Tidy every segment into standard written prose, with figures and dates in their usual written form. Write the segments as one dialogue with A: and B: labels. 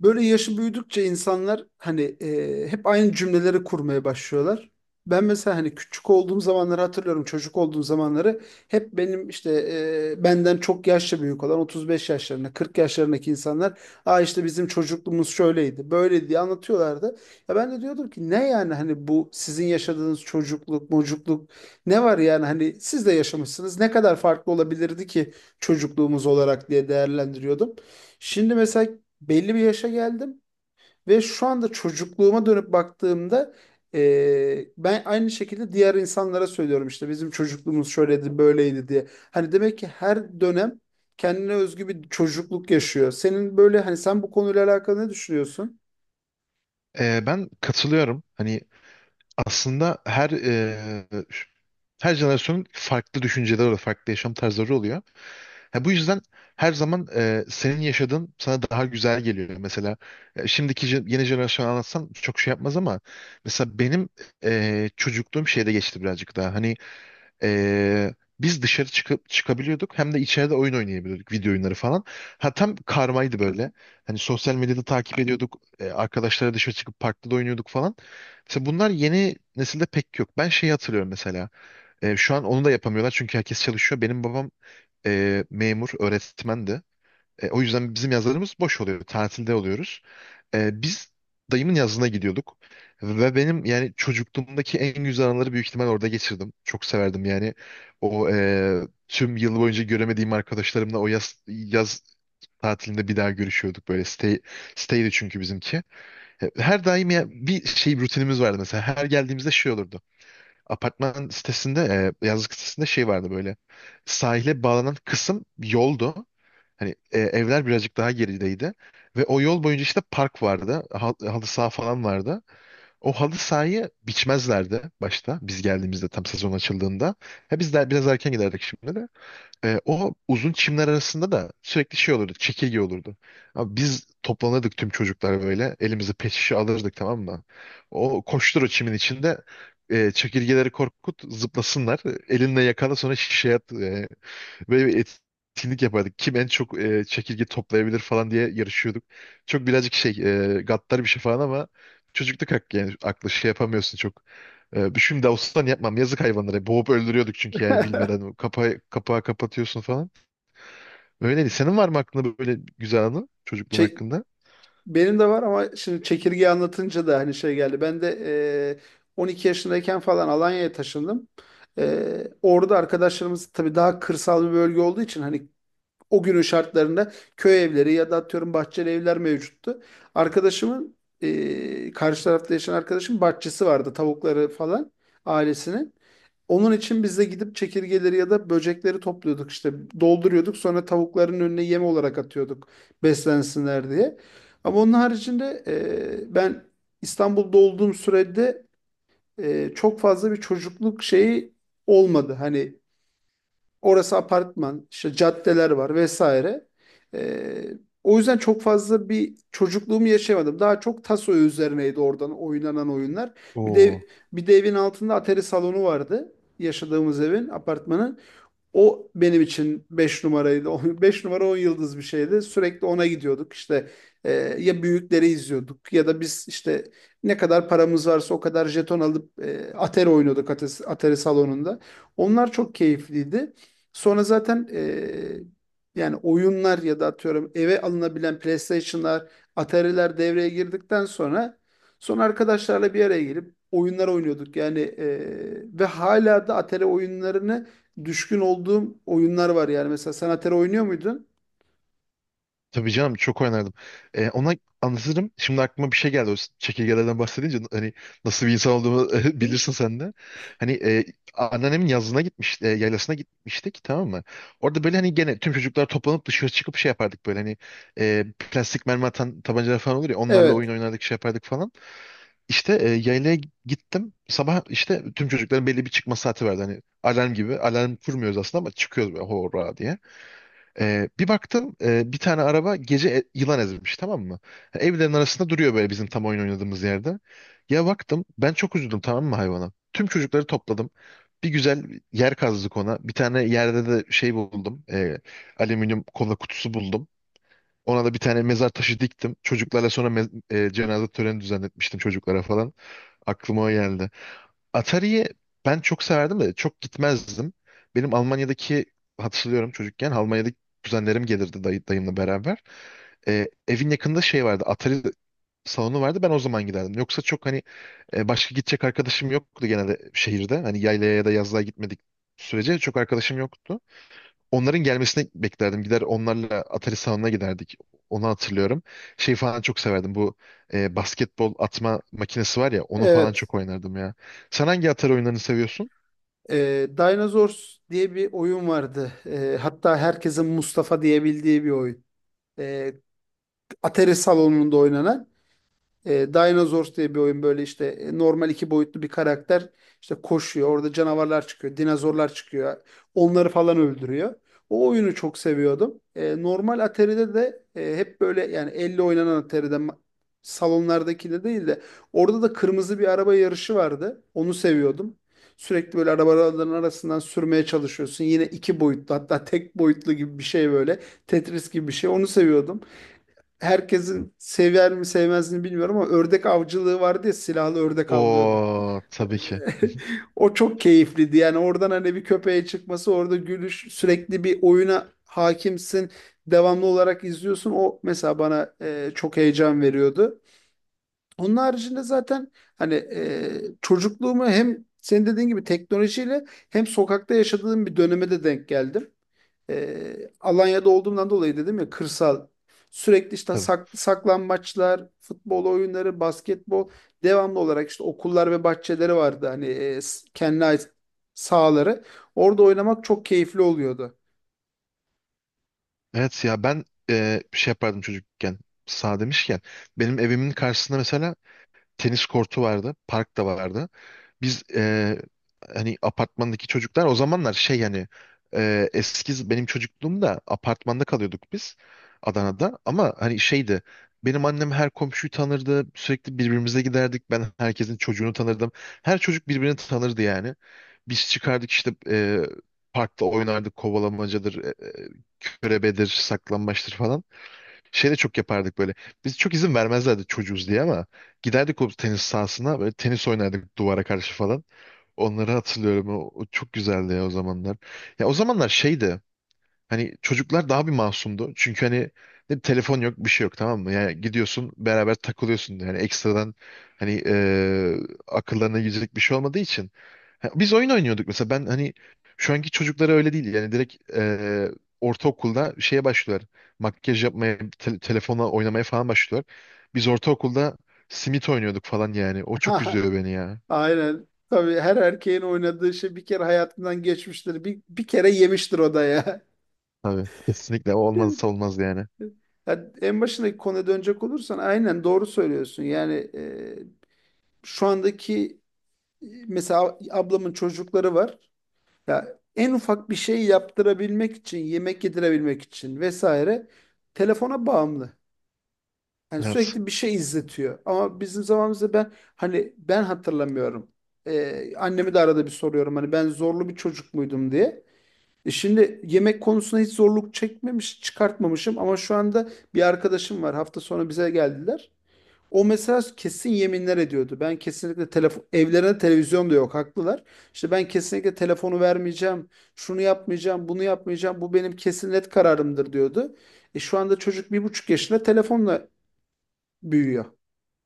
A: Böyle yaşı büyüdükçe insanlar hani hep aynı cümleleri kurmaya başlıyorlar. Ben mesela hani küçük olduğum zamanları hatırlıyorum, çocuk olduğum zamanları hep benim işte benden çok yaşça büyük olan 35 yaşlarında, 40 yaşlarındaki insanlar işte bizim çocukluğumuz şöyleydi, böyleydi diye anlatıyorlardı. Ya ben de diyordum ki ne yani hani bu sizin yaşadığınız çocukluk, mocukluk ne var yani hani siz de yaşamışsınız ne kadar farklı olabilirdi ki çocukluğumuz olarak diye değerlendiriyordum. Şimdi mesela belli bir yaşa geldim ve şu anda çocukluğuma dönüp baktığımda ben aynı şekilde diğer insanlara söylüyorum işte bizim çocukluğumuz şöyleydi böyleydi diye. Hani demek ki her dönem kendine özgü bir çocukluk yaşıyor. Senin böyle hani sen bu konuyla alakalı ne düşünüyorsun?
B: Ben katılıyorum. Hani aslında her her jenerasyonun farklı düşünceleri oluyor, farklı yaşam tarzları oluyor. Ha, bu yüzden her zaman senin yaşadığın sana daha güzel geliyor. Mesela yeni jenerasyonu anlatsam çok şey yapmaz ama mesela benim çocukluğum şeyde geçti birazcık daha. Hani ee, biz dışarı çıkıp çıkabiliyorduk hem de içeride oyun oynayabiliyorduk video oyunları falan. Ha, tam karmaydı böyle. Hani sosyal medyada takip ediyorduk. Arkadaşlara dışarı çıkıp parkta da oynuyorduk falan. Mesela bunlar yeni nesilde pek yok. Ben şeyi hatırlıyorum mesela. Şu an onu da yapamıyorlar çünkü herkes çalışıyor. Benim babam memur, öğretmendi. O yüzden bizim yazlarımız boş oluyor. Tatilde oluyoruz. Biz dayımın yazlığına gidiyorduk. Ve benim yani çocukluğumdaki en güzel anıları büyük ihtimal orada geçirdim. Çok severdim yani. O e, Tüm yıl boyunca göremediğim arkadaşlarımla o yaz tatilinde bir daha görüşüyorduk böyle. Stay'di çünkü bizimki. Her daim ya bir şey rutinimiz vardı mesela. Her geldiğimizde şey olurdu. Apartman sitesinde, yazlık sitesinde şey vardı böyle. Sahile bağlanan kısım yoldu. Hani evler birazcık daha gerideydi. Ve o yol boyunca işte park vardı. Halı saha falan vardı. O halı sahayı biçmezlerdi başta. Biz geldiğimizde tam sezon açıldığında. Ha, biz de biraz erken giderdik şimdi de. O uzun çimler arasında da sürekli şey olurdu. Çekirge olurdu. Abi biz toplanırdık tüm çocuklar böyle. Elimize pet şişe alırdık, tamam mı? O koştur o çimin içinde. Çekirgeleri korkut zıplasınlar. Elinle yakala sonra şişeye at. Böyle bir etkinlik yapardık. Kim en çok çekirge toplayabilir falan diye yarışıyorduk. Çok birazcık şey gaddar bir şey falan ama çocukluk hakkı yani aklı şey yapamıyorsun çok. Şimdi olsan yapmam, yazık hayvanlara. Boğup öldürüyorduk çünkü yani bilmeden kapağı kapatıyorsun falan. Öyleydi. Senin var mı aklında böyle güzel anı çocukluğun
A: Çe-
B: hakkında?
A: Benim de var ama şimdi çekirgeyi anlatınca da hani şey geldi. Ben de 12 yaşındayken falan Alanya'ya taşındım. E, orada arkadaşlarımız tabii daha kırsal bir bölge olduğu için hani o günün şartlarında köy evleri ya da atıyorum bahçeli evler mevcuttu. Arkadaşımın karşı tarafta yaşayan arkadaşım bahçesi vardı, tavukları falan ailesinin. Onun için biz de gidip çekirgeleri ya da böcekleri topluyorduk, işte dolduruyorduk, sonra tavukların önüne yem olarak atıyorduk beslensinler diye. Ama onun haricinde ben İstanbul'da olduğum sürede çok fazla bir çocukluk şeyi olmadı. Hani orası apartman, işte caddeler var vesaire. Ee, O yüzden çok fazla bir çocukluğumu yaşayamadım. Daha çok taso üzerineydi oradan oynanan oyunlar. Bir
B: Oo.
A: de bir de evin altında atari salonu vardı. Yaşadığımız evin, apartmanın. O benim için 5 numaraydı. 5 numara 10 yıldız bir şeydi. Sürekli ona gidiyorduk. İşte e, ya büyükleri izliyorduk ya da biz işte ne kadar paramız varsa o kadar jeton alıp Atari oynuyorduk, Atari salonunda. Onlar çok keyifliydi. Sonra zaten yani oyunlar ya da atıyorum eve alınabilen PlayStation'lar, Atari'ler devreye girdikten sonra son arkadaşlarla bir araya gelip oyunlar oynuyorduk. Yani ve hala da Atari oyunlarını düşkün olduğum oyunlar var yani. Mesela sen Atari oynuyor muydun?
B: Tabii canım, çok oynardım. Ona anlatırım. Şimdi aklıma bir şey geldi. O çekirgelerden bahsedince hani nasıl bir insan olduğumu bilirsin sen de. Hani anneannemin yazlığına gitmiş, e, yaylasına gitmiştik, tamam mı? Orada böyle hani gene tüm çocuklar toplanıp dışarı çıkıp şey yapardık böyle hani e, plastik mermi atan tabancalar falan olur ya, onlarla oyun
A: Evet.
B: oynardık şey yapardık falan. İşte yaylaya gittim. Sabah işte tüm çocukların belli bir çıkma saati vardı. Hani alarm gibi. Alarm kurmuyoruz aslında ama çıkıyoruz böyle horra diye. Bir baktım bir tane araba gece yılan ezmiş, tamam mı? Evlerin arasında duruyor böyle bizim tam oyun oynadığımız yerde. Ya baktım ben çok üzüldüm, tamam mı, hayvana? Tüm çocukları topladım. Bir güzel yer kazdık ona. Bir tane yerde de şey buldum. Alüminyum kola kutusu buldum. Ona da bir tane mezar taşı diktim. Çocuklarla sonra cenaze töreni düzenletmiştim çocuklara falan. Aklıma o geldi. Atari'ye ben çok severdim de çok gitmezdim. Benim Almanya'daki hatırlıyorum, çocukken Almanya'daki kuzenlerim gelirdi dayımla beraber. Evin yakında şey vardı, Atari salonu vardı, ben o zaman giderdim. Yoksa çok hani başka gidecek arkadaşım yoktu genelde şehirde. Hani yaylaya ya da yazlığa gitmedik sürece çok arkadaşım yoktu. Onların gelmesini beklerdim. Gider onlarla Atari salonuna giderdik. Onu hatırlıyorum. Şey falan çok severdim. Bu basketbol atma makinesi var ya, onu falan
A: Evet.
B: çok oynardım ya. Sen hangi Atari oyunlarını seviyorsun?
A: Dinosaurs diye bir oyun vardı. Hatta herkesin Mustafa diyebildiği bir oyun. Ee, Atari salonunda oynanan. E, Dinosaurs diye bir oyun böyle, işte normal iki boyutlu bir karakter işte koşuyor. Orada canavarlar çıkıyor, dinozorlar çıkıyor. Onları falan öldürüyor. O oyunu çok seviyordum. E, normal Atari'de de hep böyle, yani elle oynanan Atari'de, salonlardakinde değil de, orada da kırmızı bir araba yarışı vardı. Onu seviyordum. Sürekli böyle arabaların arasından sürmeye çalışıyorsun. Yine iki boyutlu, hatta tek boyutlu gibi bir şey böyle. Tetris gibi bir şey. Onu seviyordum, herkesin sever mi sevmezini bilmiyorum ama ördek avcılığı vardı ya, silahlı ördek avlıyordu.
B: O tabii ki.
A: O çok keyifliydi. Yani oradan hani bir köpeğe çıkması, orada gülüş, sürekli bir oyuna hakimsin. Devamlı olarak izliyorsun. O mesela bana çok heyecan veriyordu. Onun haricinde zaten hani çocukluğumu hem senin dediğin gibi teknolojiyle hem sokakta yaşadığım bir döneme de denk geldim. E, Alanya'da olduğumdan dolayı dedim ya, kırsal. Sürekli işte
B: Tabii.
A: saklambaçlar, futbol oyunları, basketbol, devamlı olarak işte okullar ve bahçeleri vardı, hani kendine ait sahaları. Orada oynamak çok keyifli oluyordu.
B: Evet ya ben şey yapardım çocukken. Sağ demişken benim evimin karşısında mesela tenis kortu vardı. Park da vardı. Biz hani apartmandaki çocuklar o zamanlar şey hani eski benim çocukluğumda apartmanda kalıyorduk biz Adana'da. Ama hani şeydi, benim annem her komşuyu tanırdı. Sürekli birbirimize giderdik. Ben herkesin çocuğunu tanırdım. Her çocuk birbirini tanırdı yani. Biz çıkardık işte parkta oynardık kovalamacadır, körebedir, saklambaçtır falan. Şey de çok yapardık böyle. Biz çok izin vermezlerdi çocuğuz diye ama giderdik o tenis sahasına, böyle tenis oynardık duvara karşı falan. Onları hatırlıyorum. O çok güzeldi ya o zamanlar. Ya o zamanlar şeydi. Hani çocuklar daha bir masumdu. Çünkü hani ne telefon yok bir şey yok, tamam mı? Yani gidiyorsun beraber takılıyorsun. Yani ekstradan hani akıllarına girecek bir şey olmadığı için. Ha, biz oyun oynuyorduk mesela, ben hani şu anki çocuklara öyle değil yani direkt ortaokulda şeye başlıyorlar, makyaj yapmaya telefonla oynamaya falan başlıyorlar. Biz ortaokulda simit oynuyorduk falan yani, o çok üzüyor beni ya.
A: Aynen. Tabii her erkeğin oynadığı şey bir kere hayatından geçmiştir. Bir kere yemiştir o da ya.
B: Tabii kesinlikle o olmazsa olmaz yani.
A: Ya en başındaki konuya dönecek olursan aynen doğru söylüyorsun. Yani şu andaki, mesela ablamın çocukları var. Ya en ufak bir şey yaptırabilmek için, yemek yedirebilmek için vesaire telefona bağımlı. Yani
B: Evet,
A: sürekli bir şey izletiyor. Ama bizim zamanımızda hani ben hatırlamıyorum. Annemi de arada bir soruyorum hani ben zorlu bir çocuk muydum diye. E şimdi yemek konusunda hiç zorluk çekmemiş, çıkartmamışım ama şu anda bir arkadaşım var. Hafta sonu bize geldiler. O mesela kesin yeminler ediyordu. Ben kesinlikle telefon, evlerine televizyon da yok, haklılar. İşte ben kesinlikle telefonu vermeyeceğim. Şunu yapmayacağım, bunu yapmayacağım. Bu benim kesin net kararımdır diyordu. E şu anda çocuk 1,5 yaşında telefonla büyüyor.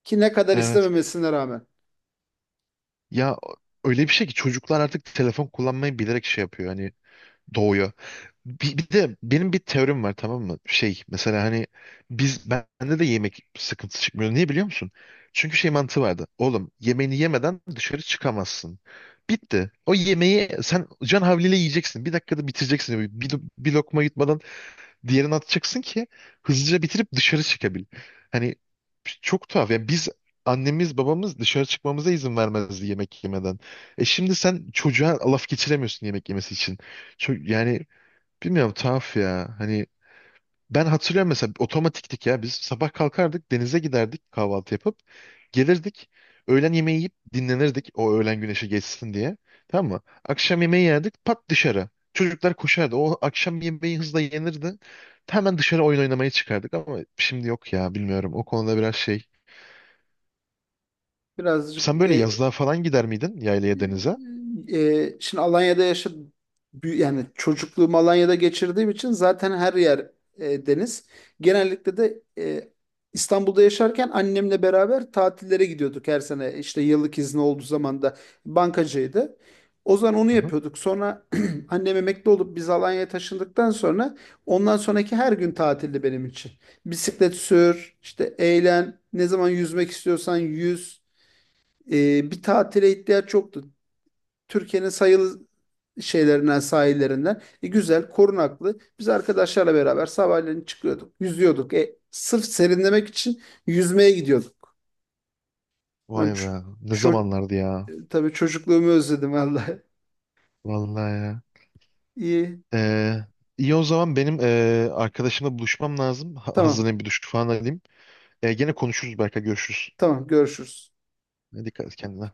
A: Ki ne kadar
B: evet
A: istememesine rağmen.
B: ya, öyle bir şey ki çocuklar artık telefon kullanmayı bilerek şey yapıyor hani, doğuyor. Bir de benim bir teorim var, tamam mı? Şey mesela hani biz, bende de yemek sıkıntısı çıkmıyor. Niye biliyor musun? Çünkü şey mantığı vardı. Oğlum, yemeğini yemeden dışarı çıkamazsın. Bitti. O yemeği sen can havliyle yiyeceksin. Bir dakikada bitireceksin. Bir lokma yutmadan diğerini atacaksın ki hızlıca bitirip dışarı çıkabil. Hani çok tuhaf. Yani biz, annemiz babamız dışarı çıkmamıza izin vermezdi yemek yemeden. E şimdi sen çocuğa laf geçiremiyorsun yemek yemesi için. Yani bilmiyorum, tuhaf ya. Hani ben hatırlıyorum mesela, otomatiktik ya. Biz sabah kalkardık, denize giderdik kahvaltı yapıp gelirdik. Öğlen yemeği yiyip dinlenirdik o öğlen güneşi geçsin diye. Tamam mı? Akşam yemeği yerdik, pat dışarı. Çocuklar koşardı. O akşam yemeği hızla yenirdi. Hemen dışarı oyun oynamaya çıkardık ama şimdi yok ya, bilmiyorum. O konuda biraz şey,
A: Birazcık
B: sen böyle yazlığa falan gider miydin? Yaylaya, denize?
A: şimdi Alanya'da yaşadım. Yani çocukluğumu Alanya'da geçirdiğim için zaten her yer deniz. Genellikle de İstanbul'da yaşarken annemle beraber tatillere gidiyorduk her sene. İşte yıllık izni olduğu zaman da bankacıydı. O zaman onu
B: Hı hı.
A: yapıyorduk. Sonra annem emekli olup biz Alanya'ya taşındıktan sonra ondan sonraki her gün tatildi benim için. Bisiklet sür, işte eğlen, ne zaman yüzmek istiyorsan yüz. E, bir tatile ihtiyaç yoktu. Türkiye'nin sayılı şeylerinden, sahillerinden. E, güzel, korunaklı. Biz arkadaşlarla beraber sabahleyin çıkıyorduk, yüzüyorduk. E, sırf serinlemek için yüzmeye gidiyorduk. Ben
B: Vay
A: ç-
B: be. Ne
A: ço-
B: zamanlardı ya.
A: tabii çocukluğumu özledim vallahi.
B: Vallahi ya.
A: İyi,
B: Ee, iyi o zaman, benim arkadaşımla buluşmam lazım.
A: tamam,
B: Hazırlayayım, bir duş falan alayım. Gene konuşuruz belki. Görüşürüz.
A: tamam, görüşürüz.
B: Ne, dikkat et kendine.